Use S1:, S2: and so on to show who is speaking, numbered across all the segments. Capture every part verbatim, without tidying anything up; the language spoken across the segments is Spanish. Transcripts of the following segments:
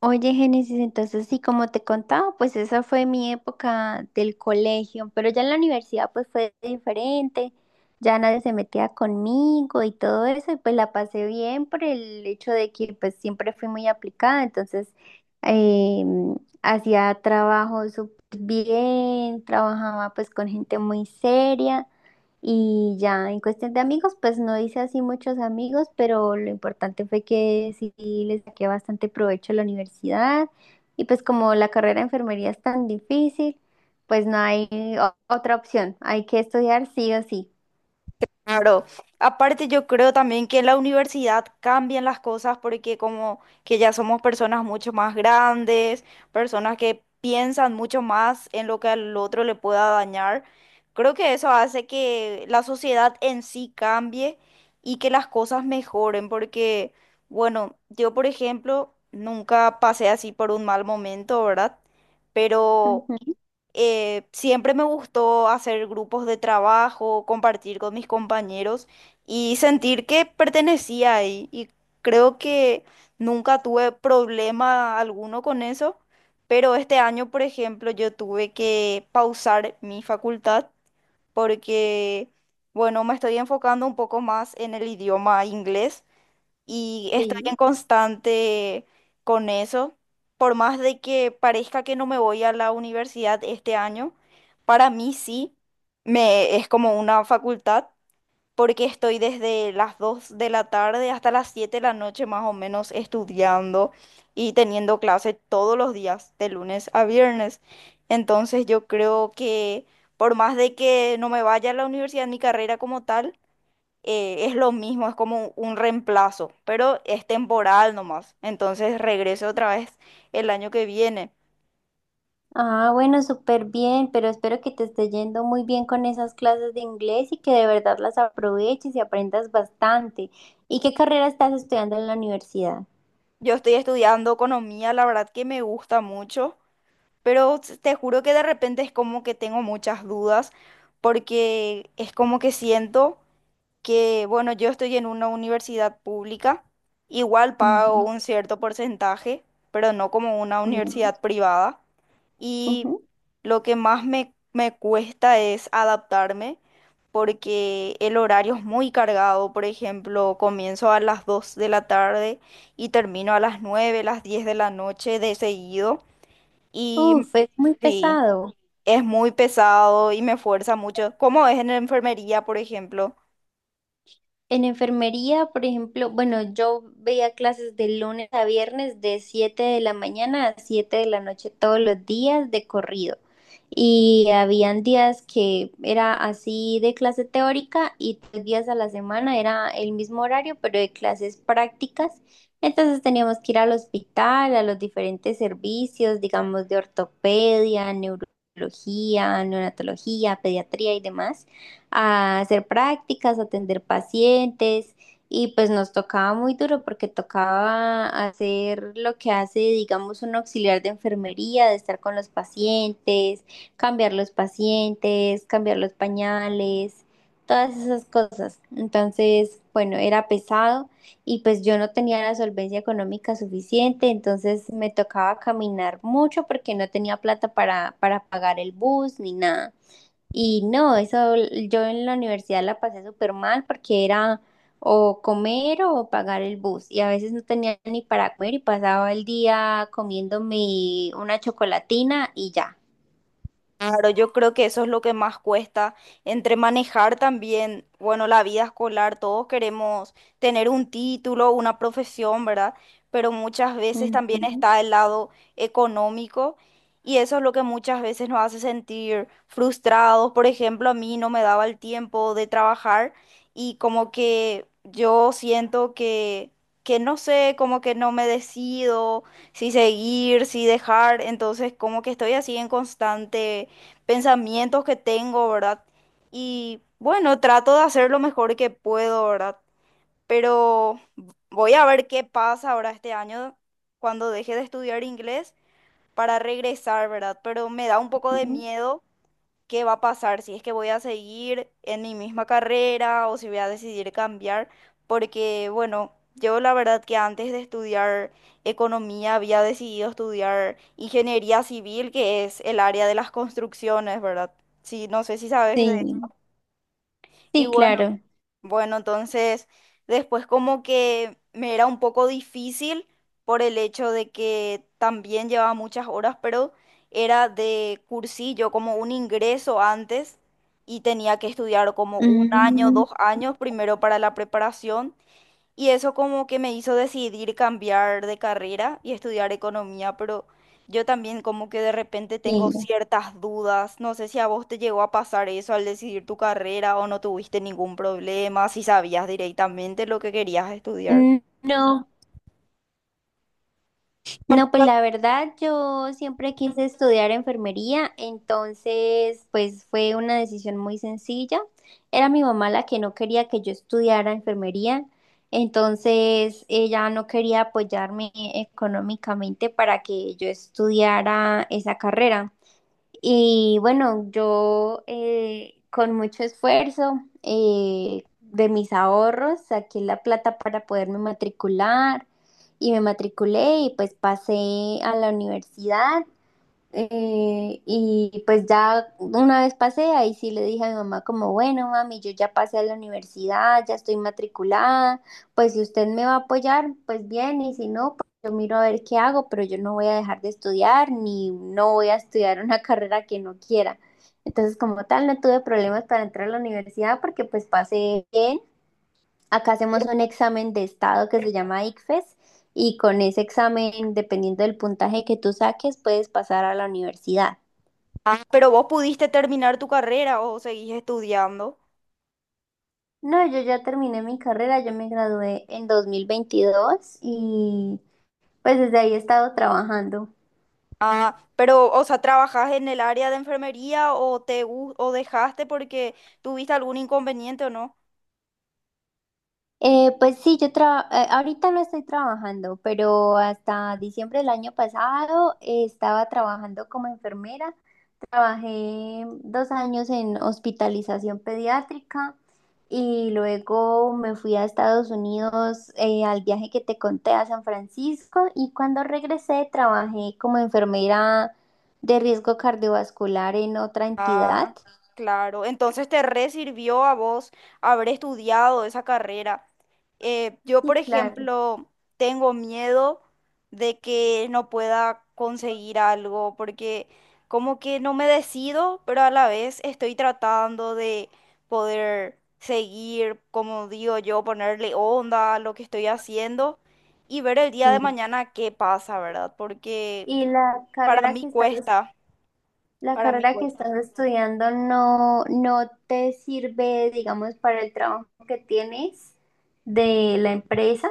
S1: Oye, Génesis, entonces sí, como te contaba, pues esa fue mi época del colegio, pero ya en la universidad pues fue diferente, ya nadie se metía conmigo y todo eso, y pues la pasé bien por el hecho de que pues siempre fui muy aplicada, entonces eh, hacía trabajo súper bien, trabajaba pues con gente muy seria. Y ya en cuestión de amigos, pues no hice así muchos amigos, pero lo importante fue que sí les saqué bastante provecho a la universidad. Y pues como la carrera de enfermería es tan difícil, pues no hay o- otra opción. Hay que estudiar sí o sí.
S2: Claro, aparte yo creo también que en la universidad cambian las cosas porque como que ya somos personas mucho más grandes, personas que piensan mucho más en lo que al otro le pueda dañar. Creo que eso hace que la sociedad en sí cambie y que las cosas mejoren porque, bueno, yo por ejemplo nunca pasé así por un mal momento, ¿verdad? Pero
S1: Ujú.
S2: eh, siempre me gustó hacer grupos de trabajo, compartir con mis compañeros y sentir que pertenecía ahí. Y creo que nunca tuve problema alguno con eso, pero este año, por ejemplo, yo tuve que pausar mi facultad porque, bueno, me estoy enfocando un poco más en el idioma inglés y estoy
S1: Sí.
S2: en constante con eso. Por más de que parezca que no me voy a la universidad este año, para mí sí, me, es como una facultad, porque estoy desde las dos de la tarde hasta las siete de la noche más o menos estudiando y teniendo clase todos los días, de lunes a viernes. Entonces yo creo que por más de que no me vaya a la universidad, mi carrera como tal, eh, es lo mismo, es como un reemplazo, pero es temporal nomás. Entonces regreso otra vez el año que viene.
S1: Ah, bueno, súper bien, pero espero que te esté yendo muy bien con esas clases de inglés y que de verdad las aproveches y aprendas bastante. ¿Y qué carrera estás estudiando en la universidad?
S2: Yo estoy estudiando economía, la verdad que me gusta mucho, pero s- te juro que de repente es como que tengo muchas dudas porque es como que siento que, bueno, yo estoy en una universidad pública, igual pago
S1: Ujú.
S2: un cierto porcentaje, pero no como una universidad privada. Y
S1: Ujú.
S2: lo que más me, me cuesta es adaptarme porque el horario es muy cargado. Por ejemplo, comienzo a las dos de la tarde y termino a las nueve las diez de la noche de seguido. Y
S1: Uf, es muy
S2: sí,
S1: pesado.
S2: es muy pesado y me fuerza mucho. Como es en la enfermería, por ejemplo,
S1: En enfermería, por ejemplo, bueno, yo veía clases de lunes a viernes de siete de la mañana a siete de la noche todos los días de corrido. Y habían días que era así de clase teórica y tres días a la semana era el mismo horario, pero de clases prácticas. Entonces teníamos que ir al hospital, a los diferentes servicios, digamos, de ortopedia, neurología, neonatología, pediatría y demás, a hacer prácticas, a atender pacientes, y pues nos tocaba muy duro porque tocaba hacer lo que hace, digamos, un auxiliar de enfermería, de estar con los pacientes, cambiar los pacientes, cambiar los pañales, todas esas cosas. Entonces, bueno, era pesado y pues yo no tenía la solvencia económica suficiente, entonces me tocaba caminar mucho porque no tenía plata para, para pagar el bus ni nada. Y no, eso l- yo en la universidad la pasé súper mal porque era o comer o pagar el bus y a veces no tenía ni para comer y pasaba el día comiéndome una chocolatina y ya.
S2: claro, yo creo que eso es lo que más cuesta entre manejar también, bueno, la vida escolar. Todos queremos tener un título, una profesión, ¿verdad? Pero muchas veces también
S1: Ujú,
S2: está el lado económico y eso es lo que muchas veces nos hace sentir frustrados. Por ejemplo, a mí no me daba el tiempo de trabajar y como que yo siento que, que no sé, como que no me decido si seguir, si dejar, entonces como que estoy así en constante pensamientos que tengo, ¿verdad? Y bueno, trato de hacer lo mejor que puedo, ¿verdad? Pero voy a ver qué pasa ahora este año cuando deje de estudiar inglés para regresar, ¿verdad? Pero me da un poco de
S1: ujú.
S2: miedo qué va a pasar, si es que voy a seguir en mi misma carrera o si voy a decidir cambiar, porque bueno, yo la verdad que antes de estudiar economía había decidido estudiar ingeniería civil, que es el área de las construcciones, ¿verdad? Sí, no sé si sabes de...
S1: Sí,
S2: Y
S1: sí,
S2: bueno,
S1: claro.
S2: bueno, entonces después como que me era un poco difícil por el hecho de que también llevaba muchas horas, pero era de cursillo, como un ingreso antes y tenía que estudiar como un año,
S1: Mm,
S2: dos años primero para la preparación y eso como que me hizo decidir cambiar de carrera y estudiar economía, pero yo también como que de repente tengo
S1: sí.
S2: ciertas dudas. No sé si a vos te llegó a pasar eso al decidir tu carrera o no tuviste ningún problema, si sabías directamente lo que querías estudiar.
S1: Mm, no. No, pues la verdad yo siempre quise estudiar enfermería, entonces pues fue una decisión muy sencilla. Era mi mamá la que no quería que yo estudiara enfermería, entonces ella no quería apoyarme económicamente para que yo estudiara esa carrera. Y bueno, yo eh, con mucho esfuerzo eh, de mis ahorros saqué la plata para poderme matricular y me matriculé y pues pasé a la universidad, eh, y pues ya una vez pasé, ahí sí le dije a mi mamá como, bueno, mami, yo ya pasé a la universidad, ya estoy matriculada, pues si usted me va a apoyar, pues bien, y si no, pues yo miro a ver qué hago, pero yo no voy a dejar de estudiar, ni no voy a estudiar una carrera que no quiera. Entonces, como tal, no tuve problemas para entrar a la universidad porque pues pasé bien. Acá hacemos un examen de estado que se llama ICFES y con ese examen, dependiendo del puntaje que tú saques, puedes pasar a la universidad.
S2: Ah, pero vos pudiste terminar tu carrera o seguís estudiando.
S1: No, yo ya terminé mi carrera, yo me gradué en dos mil veintidós y pues desde ahí he estado trabajando.
S2: Ah, pero, o sea, ¿trabajás en el área de enfermería o te gu- o dejaste porque tuviste algún inconveniente o no?
S1: Eh, pues sí, yo traba- eh, ahorita no estoy trabajando, pero hasta diciembre del año pasado eh, estaba trabajando como enfermera. Trabajé dos años en hospitalización pediátrica y luego me fui a Estados Unidos, eh, al viaje que te conté a San Francisco, y cuando regresé trabajé como enfermera de riesgo cardiovascular en otra entidad.
S2: Ah, claro. Entonces te re sirvió a vos haber estudiado esa carrera. Eh, yo,
S1: Sí,
S2: por
S1: claro,
S2: ejemplo, tengo miedo de que no pueda conseguir algo porque como que no me decido, pero a la vez estoy tratando de poder seguir, como digo yo, ponerle onda a lo que estoy haciendo y ver el día de
S1: sí.
S2: mañana qué pasa, ¿verdad? Porque
S1: Y la
S2: para
S1: carrera
S2: mí
S1: que estás,
S2: cuesta,
S1: la
S2: para mí
S1: carrera que
S2: cuesta.
S1: estás estudiando no, no te sirve, digamos, para el trabajo que tienes de la empresa.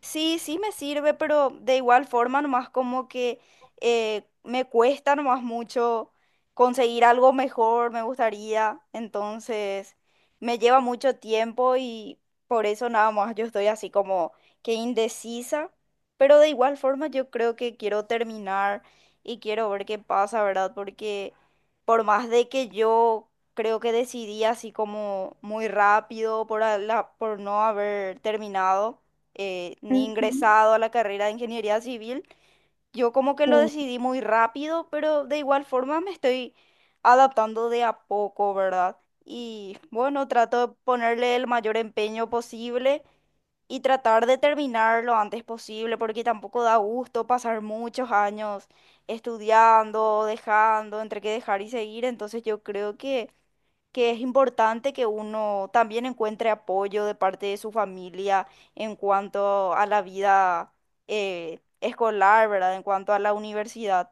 S2: Sí, sí me sirve, pero de igual forma nomás como que eh, me cuesta nomás mucho conseguir algo mejor, me gustaría, entonces me lleva mucho tiempo y por eso nada más yo estoy así como que indecisa, pero de igual forma yo creo que quiero terminar y quiero ver qué pasa, ¿verdad? Porque por más de que yo creo que decidí así como muy rápido por, a- la, por no haber terminado eh, ni
S1: Ujú,
S2: ingresado a la carrera de ingeniería civil. Yo como que lo
S1: sí.
S2: decidí muy rápido, pero de igual forma me estoy adaptando de a poco, ¿verdad? Y bueno, trato de ponerle el mayor empeño posible y tratar de terminar lo antes posible, porque tampoco da gusto pasar muchos años estudiando, dejando, entre que dejar y seguir. Entonces yo creo que que es importante que uno también encuentre apoyo de parte de su familia en cuanto a la vida eh, escolar, ¿verdad? En cuanto a la universidad.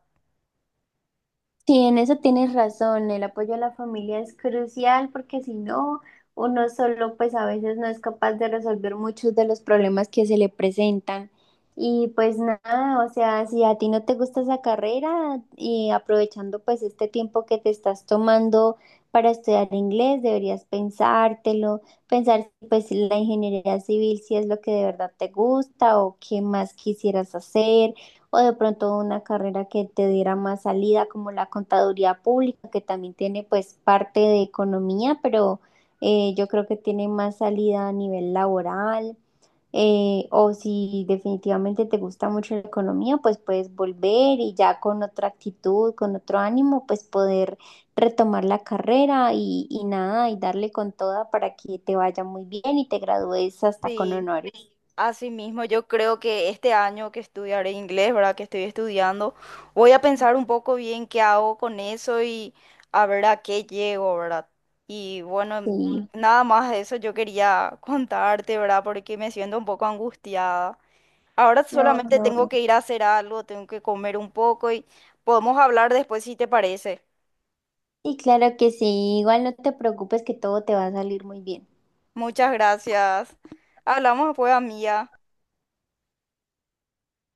S1: Sí, en eso tienes razón, el apoyo a la familia es crucial porque si no, uno solo pues a veces no es capaz de resolver muchos de los problemas que se le presentan. Y pues nada, o sea, si a ti no te gusta esa carrera y aprovechando pues este tiempo que te estás tomando para estudiar inglés, deberías pensártelo, pensar si, pues la ingeniería civil si es lo que de verdad te gusta o qué más quisieras hacer o de pronto una carrera que te diera más salida, como la contaduría pública, que también tiene pues parte de economía, pero eh, yo creo que tiene más salida a nivel laboral. Eh, o si definitivamente te gusta mucho la economía, pues puedes volver y ya con otra actitud, con otro ánimo, pues poder retomar la carrera y, y nada, y darle con toda para que te vaya muy bien y te gradúes hasta con
S2: Sí,
S1: honores.
S2: asimismo, yo creo que este año que estudiaré inglés, ¿verdad? Que estoy estudiando, voy a pensar un poco bien qué hago con eso y a ver a qué llego, ¿verdad? Y bueno,
S1: Sí,
S2: nada más de eso yo quería contarte, ¿verdad? Porque me siento un poco angustiada. Ahora
S1: no, no,
S2: solamente tengo
S1: no.
S2: que ir a hacer algo, tengo que comer un poco y podemos hablar después si te parece.
S1: Y claro que sí, igual no te preocupes que todo te va a salir muy bien.
S2: Muchas gracias. Hablamos después, amiga.